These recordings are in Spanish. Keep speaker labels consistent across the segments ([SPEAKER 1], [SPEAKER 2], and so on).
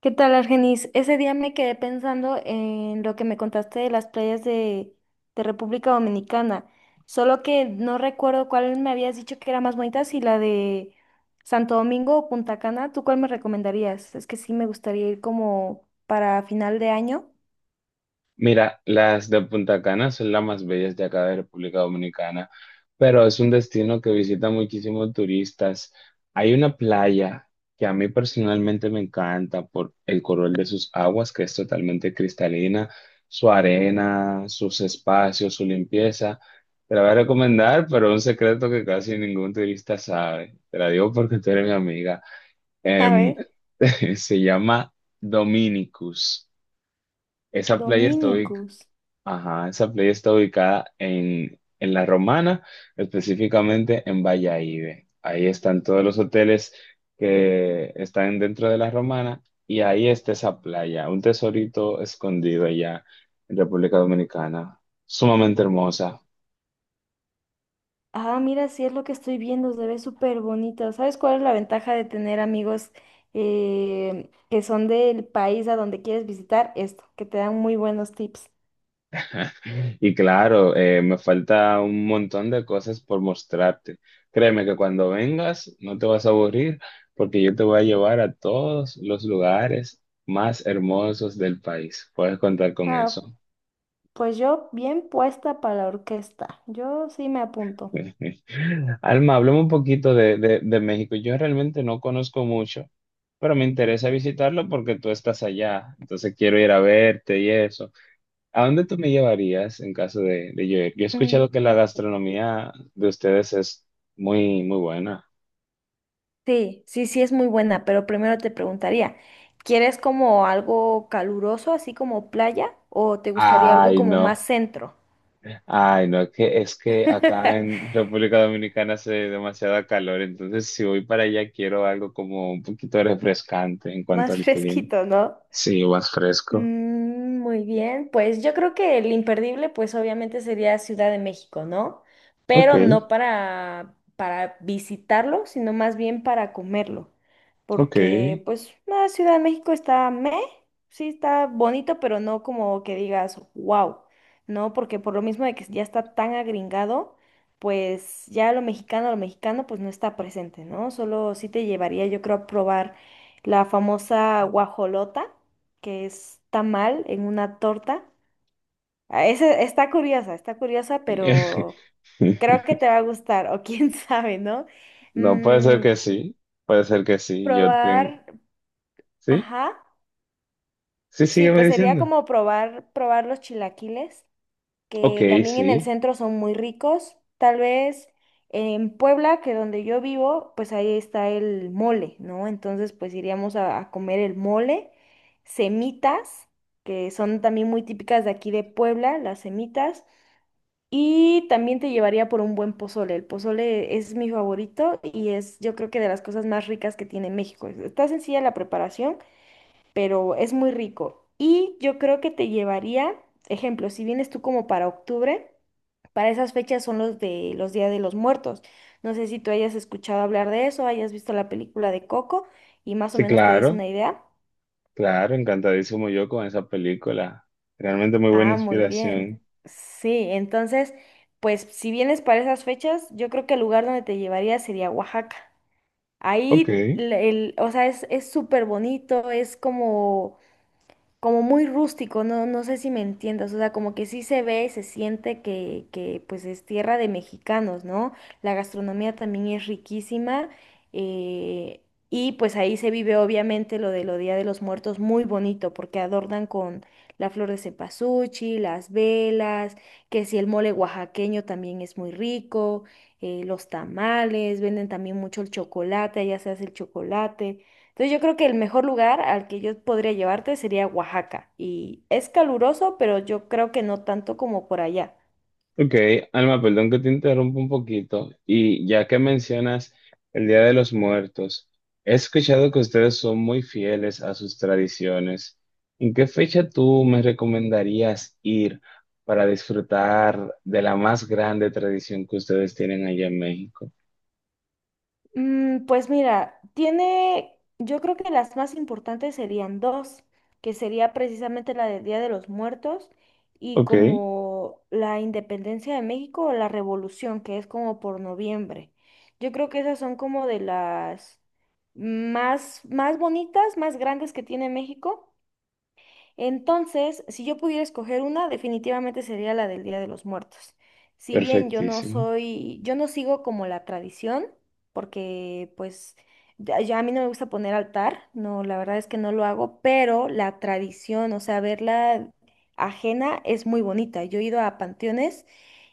[SPEAKER 1] ¿Qué tal, Argenis? Ese día me quedé pensando en lo que me contaste de las playas de República Dominicana, solo que no recuerdo cuál me habías dicho que era más bonita, si la de Santo Domingo o Punta Cana, ¿tú cuál me recomendarías? Es que sí me gustaría ir como para final de año.
[SPEAKER 2] Mira, las de Punta Cana son las más bellas de acá de República Dominicana, pero es un destino que visitan muchísimos turistas. Hay una playa que a mí personalmente me encanta por el color de sus aguas, que es totalmente cristalina, su arena, sus espacios, su limpieza. Te la voy a recomendar, pero un secreto que casi ningún turista sabe. Te la digo porque tú eres mi amiga.
[SPEAKER 1] A
[SPEAKER 2] Em,
[SPEAKER 1] ver,
[SPEAKER 2] Se llama Dominicus. Esa playa está ubicada
[SPEAKER 1] Dominicus.
[SPEAKER 2] Ajá, esa playa está ubicada en, La Romana, específicamente en Valladolid. Ahí están todos los hoteles que están dentro de La Romana y ahí está esa playa, un tesorito escondido allá en República Dominicana, sumamente hermosa.
[SPEAKER 1] Ah, mira, sí es lo que estoy viendo, se ve súper bonito. ¿Sabes cuál es la ventaja de tener amigos que son del país a donde quieres visitar? Esto, que te dan muy buenos tips.
[SPEAKER 2] Y claro, me falta un montón de cosas por mostrarte. Créeme que cuando vengas no te vas a aburrir porque yo te voy a llevar a todos los lugares más hermosos del país. Puedes contar con
[SPEAKER 1] Ah,
[SPEAKER 2] eso.
[SPEAKER 1] pues yo bien puesta para la orquesta. Yo sí me apunto.
[SPEAKER 2] Alma, hablemos un poquito de, de México. Yo realmente no conozco mucho, pero me interesa visitarlo porque tú estás allá. Entonces quiero ir a verte y eso. ¿A dónde tú me llevarías en caso de, yo ir? Yo he
[SPEAKER 1] Mm,
[SPEAKER 2] escuchado que la gastronomía de ustedes es muy, muy buena.
[SPEAKER 1] sí, sí, sí es muy buena, pero primero te preguntaría, ¿quieres como algo caluroso, así como playa, o te gustaría algo
[SPEAKER 2] Ay,
[SPEAKER 1] como más
[SPEAKER 2] no.
[SPEAKER 1] centro?
[SPEAKER 2] Ay, no, que es que acá en República Dominicana hace demasiada calor, entonces si voy para allá quiero algo como un poquito refrescante en cuanto
[SPEAKER 1] Más
[SPEAKER 2] al clima.
[SPEAKER 1] fresquito, ¿no?
[SPEAKER 2] Sí, más fresco.
[SPEAKER 1] Mm, muy bien, pues yo creo que el imperdible, pues obviamente sería Ciudad de México, ¿no?
[SPEAKER 2] Ok,
[SPEAKER 1] Pero no para visitarlo, sino más bien para comerlo.
[SPEAKER 2] ok.
[SPEAKER 1] Porque, pues, la Ciudad de México está meh, sí está bonito, pero no como que digas, wow, ¿no? Porque por lo mismo de que ya está tan agringado, pues ya lo mexicano, pues no está presente, ¿no? Solo sí te llevaría, yo creo, a probar la famosa guajolota que es tamal en una torta. Ah, ese está curiosa, pero creo que te va a gustar, o quién sabe, ¿no?
[SPEAKER 2] No, puede ser
[SPEAKER 1] Mm,
[SPEAKER 2] que sí, puede ser que sí. Yo tengo.
[SPEAKER 1] probar,
[SPEAKER 2] ¿Sí?
[SPEAKER 1] ajá.
[SPEAKER 2] Sí,
[SPEAKER 1] Sí,
[SPEAKER 2] sígueme
[SPEAKER 1] pues sería
[SPEAKER 2] diciendo.
[SPEAKER 1] como probar los chilaquiles,
[SPEAKER 2] Ok,
[SPEAKER 1] que también en
[SPEAKER 2] sí,
[SPEAKER 1] el centro son muy ricos. Tal vez en Puebla, que donde yo vivo, pues ahí está el mole, ¿no? Entonces, pues iríamos a comer el mole, semitas, que son también muy típicas de aquí de Puebla, las semitas. Y también te llevaría por un buen pozole. El pozole es mi favorito y es yo creo que de las cosas más ricas que tiene México. Está sencilla la preparación, pero es muy rico. Y yo creo que te llevaría, ejemplo, si vienes tú como para octubre, para esas fechas son los de los Días de los Muertos. No sé si tú hayas escuchado hablar de eso, hayas visto la película de Coco y más o
[SPEAKER 2] sí,
[SPEAKER 1] menos te des
[SPEAKER 2] claro.
[SPEAKER 1] una idea.
[SPEAKER 2] Claro, encantadísimo yo con esa película. Realmente muy buena
[SPEAKER 1] Ah, muy bien.
[SPEAKER 2] inspiración.
[SPEAKER 1] Sí, entonces, pues si vienes para esas fechas, yo creo que el lugar donde te llevaría sería Oaxaca.
[SPEAKER 2] Ok,
[SPEAKER 1] Ahí, o sea, es súper bonito, es como como muy rústico, no, no sé si me entiendas, o sea, como que sí se ve y se siente que pues es tierra de mexicanos, ¿no? La gastronomía también es riquísima, eh, y pues ahí se vive obviamente lo de lo Día de los Muertos muy bonito porque adornan con la flor de cempasúchil, las velas, que si el mole oaxaqueño también es muy rico, los tamales, venden también mucho el chocolate, allá se hace el chocolate. Entonces yo creo que el mejor lugar al que yo podría llevarte sería Oaxaca. Y es caluroso, pero yo creo que no tanto como por allá.
[SPEAKER 2] ok. Alma, perdón que te interrumpa un poquito. Y ya que mencionas el Día de los Muertos, he escuchado que ustedes son muy fieles a sus tradiciones. ¿En qué fecha tú me recomendarías ir para disfrutar de la más grande tradición que ustedes tienen allá en México?
[SPEAKER 1] Mm, pues mira, tiene, yo creo que las más importantes serían dos, que sería precisamente la del Día de los Muertos y
[SPEAKER 2] Ok,
[SPEAKER 1] como la independencia de México o la revolución, que es como por noviembre. Yo creo que esas son como de las más bonitas, más grandes que tiene México. Entonces, si yo pudiera escoger una, definitivamente sería la del Día de los Muertos. Si bien yo no
[SPEAKER 2] perfectísimo.
[SPEAKER 1] soy, yo no sigo como la tradición, porque pues ya a mí no me gusta poner altar, no, la verdad es que no lo hago, pero la tradición, o sea, verla ajena es muy bonita. Yo he ido a panteones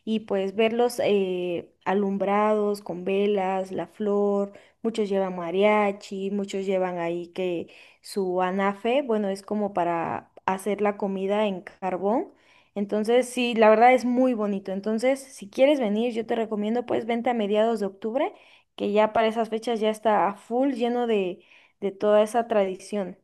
[SPEAKER 1] y pues verlos alumbrados con velas, la flor, muchos llevan mariachi, muchos llevan ahí que su anafe, bueno, es como para hacer la comida en carbón. Entonces, sí, la verdad es muy bonito. Entonces, si quieres venir, yo te recomiendo, pues vente a mediados de octubre, que ya para esas fechas ya está a full lleno de toda esa tradición.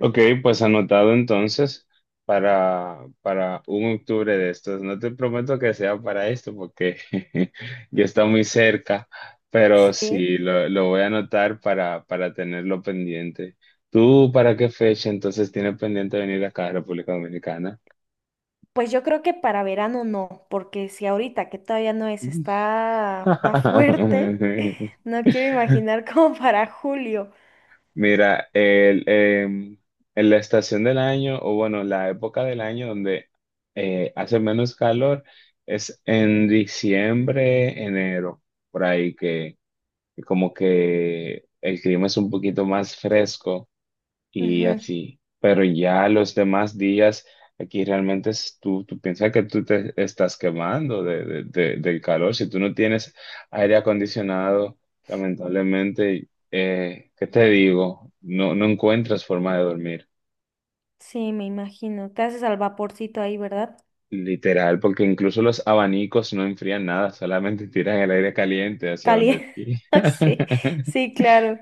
[SPEAKER 2] Ok, pues anotado entonces para, un octubre de estos. No te prometo que sea para esto porque ya está muy cerca, pero
[SPEAKER 1] Sí.
[SPEAKER 2] sí, lo, voy a anotar para, tenerlo pendiente. ¿Tú para qué fecha entonces tienes pendiente venir acá a República Dominicana?
[SPEAKER 1] Pues yo creo que para verano no, porque si ahorita que todavía no es, está, está fuerte, no quiero imaginar como para julio.
[SPEAKER 2] Mira, en la estación del año, o bueno, la época del año donde hace menos calor es en diciembre, enero, por ahí que, como que el clima es un poquito más fresco y
[SPEAKER 1] Ujú,
[SPEAKER 2] así. Pero ya los demás días, aquí realmente tú, piensas que tú te estás quemando de, del calor. Si tú no tienes aire acondicionado, lamentablemente, ¿qué te digo? No, no encuentras forma de dormir.
[SPEAKER 1] sí, me imagino. Te haces al vaporcito ahí, ¿verdad?
[SPEAKER 2] Literal, porque incluso los abanicos no enfrían nada, solamente tiran el aire caliente hacia donde
[SPEAKER 1] Caliente.
[SPEAKER 2] ti.
[SPEAKER 1] Sí, sí, claro.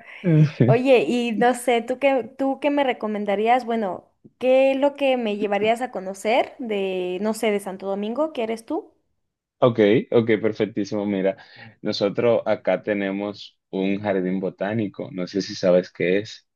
[SPEAKER 1] Oye, y no sé, tú qué me recomendarías? Bueno, ¿qué es lo que me llevarías a conocer de, no sé, de Santo Domingo? ¿Qué eres tú?
[SPEAKER 2] Ok, ok, perfectísimo. Mira, nosotros acá tenemos un jardín botánico. No sé si sabes qué es.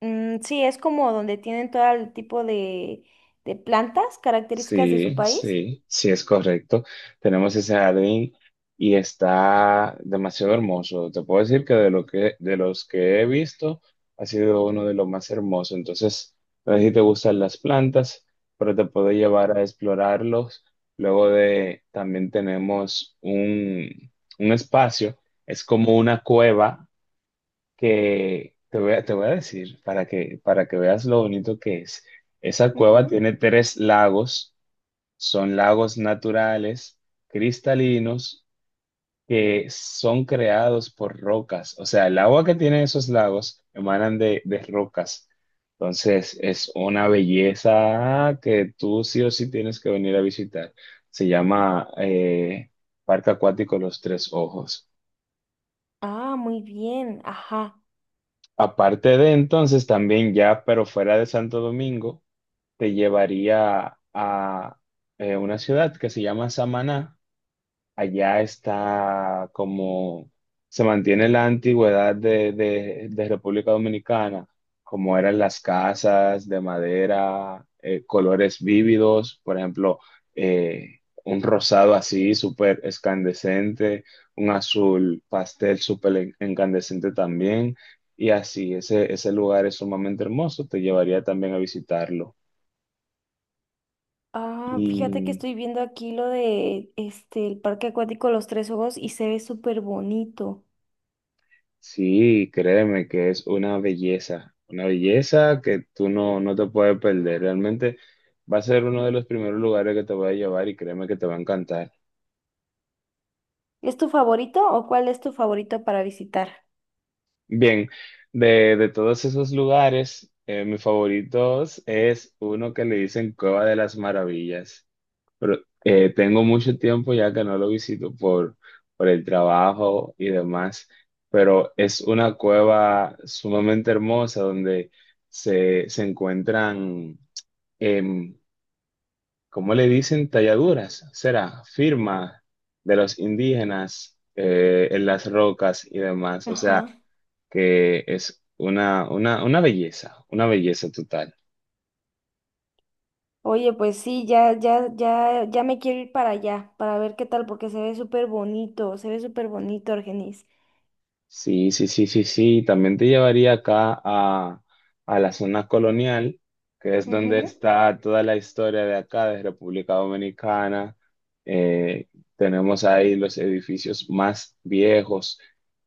[SPEAKER 1] Mm, sí, es como donde tienen todo el tipo de plantas características de su
[SPEAKER 2] Sí,
[SPEAKER 1] país.
[SPEAKER 2] sí, sí es correcto. Tenemos ese jardín y está demasiado hermoso. Te puedo decir que de lo que, de los que he visto, ha sido uno de los más hermosos. Entonces, no sé si te gustan las plantas, pero te puedo llevar a explorarlos. Luego de, también tenemos un, espacio. Es como una cueva que te voy a decir para que, veas lo bonito que es. Esa cueva
[SPEAKER 1] Ujú.
[SPEAKER 2] tiene tres lagos, son lagos naturales, cristalinos, que son creados por rocas. O sea, el agua que tienen esos lagos emanan de, rocas. Entonces, es una belleza que tú sí o sí tienes que venir a visitar. Se llama Parque Acuático Los Tres Ojos.
[SPEAKER 1] Ah, muy bien, ajá.
[SPEAKER 2] Aparte de entonces, también ya, pero fuera de Santo Domingo, te llevaría a una ciudad que se llama Samaná, allá está como se mantiene la antigüedad de, República Dominicana, como eran las casas de madera, colores vívidos, por ejemplo, eh, un rosado así súper escandescente, un azul pastel súper incandescente también, y así, ese, lugar es sumamente hermoso, te llevaría también a visitarlo.
[SPEAKER 1] Ah, fíjate que estoy viendo aquí lo de este, el Parque Acuático Los Tres Ojos y se ve súper bonito.
[SPEAKER 2] Sí, créeme que es una belleza que tú no, no te puedes perder. Realmente va a ser uno de los primeros lugares que te voy a llevar y créeme que te va a encantar.
[SPEAKER 1] ¿Es tu favorito o cuál es tu favorito para visitar?
[SPEAKER 2] Bien, de, todos esos lugares, mis favoritos es uno que le dicen Cueva de las Maravillas. Pero tengo mucho tiempo ya que no lo visito por, el trabajo y demás, pero es una cueva sumamente hermosa donde se, encuentran em, ¿cómo le dicen talladuras? Será firma de los indígenas en las rocas y demás. O sea,
[SPEAKER 1] Ajá.
[SPEAKER 2] que es una, belleza, una belleza total.
[SPEAKER 1] Oye, pues sí, ya, ya, ya, ya me quiero ir para allá, para ver qué tal, porque se ve súper bonito, se ve súper bonito, Argenis.
[SPEAKER 2] Sí, sí, sí, sí, sí. También te llevaría acá a, la zona colonial, que es donde
[SPEAKER 1] Ujú.
[SPEAKER 2] está toda la historia de acá, de República Dominicana. Eh, Tenemos ahí los edificios más viejos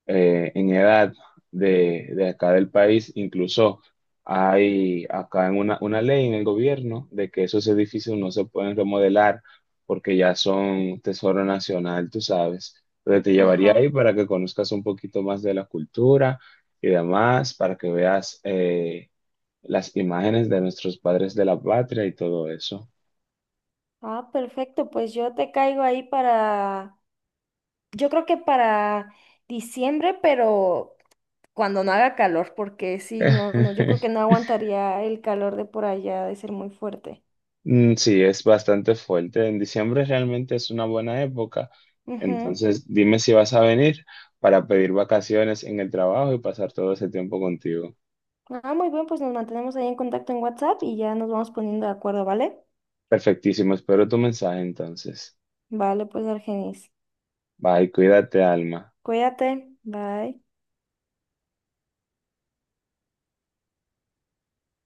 [SPEAKER 2] en edad de, acá del país. Incluso hay acá en una, ley en el gobierno de que esos edificios no se pueden remodelar porque ya son tesoro nacional, tú sabes, donde te llevaría ahí
[SPEAKER 1] Ajá.
[SPEAKER 2] para que conozcas un poquito más de la cultura y demás, para que veas las imágenes de nuestros padres de la patria y todo eso.
[SPEAKER 1] Ah, perfecto, pues yo te caigo ahí para, yo creo que para diciembre, pero cuando no haga calor, porque sí, no, no, yo creo que no aguantaría el calor de por allá, de ser muy fuerte.
[SPEAKER 2] Mm, sí, es bastante fuerte. En diciembre realmente es una buena época.
[SPEAKER 1] Ujú.
[SPEAKER 2] Entonces, dime si vas a venir para pedir vacaciones en el trabajo y pasar todo ese tiempo contigo.
[SPEAKER 1] Ah, muy bien, pues nos mantenemos ahí en contacto en WhatsApp y ya nos vamos poniendo de acuerdo, ¿vale?
[SPEAKER 2] Perfectísimo. Espero tu mensaje entonces.
[SPEAKER 1] Vale, pues Argenis.
[SPEAKER 2] Bye, cuídate, Alma.
[SPEAKER 1] Cuídate, bye.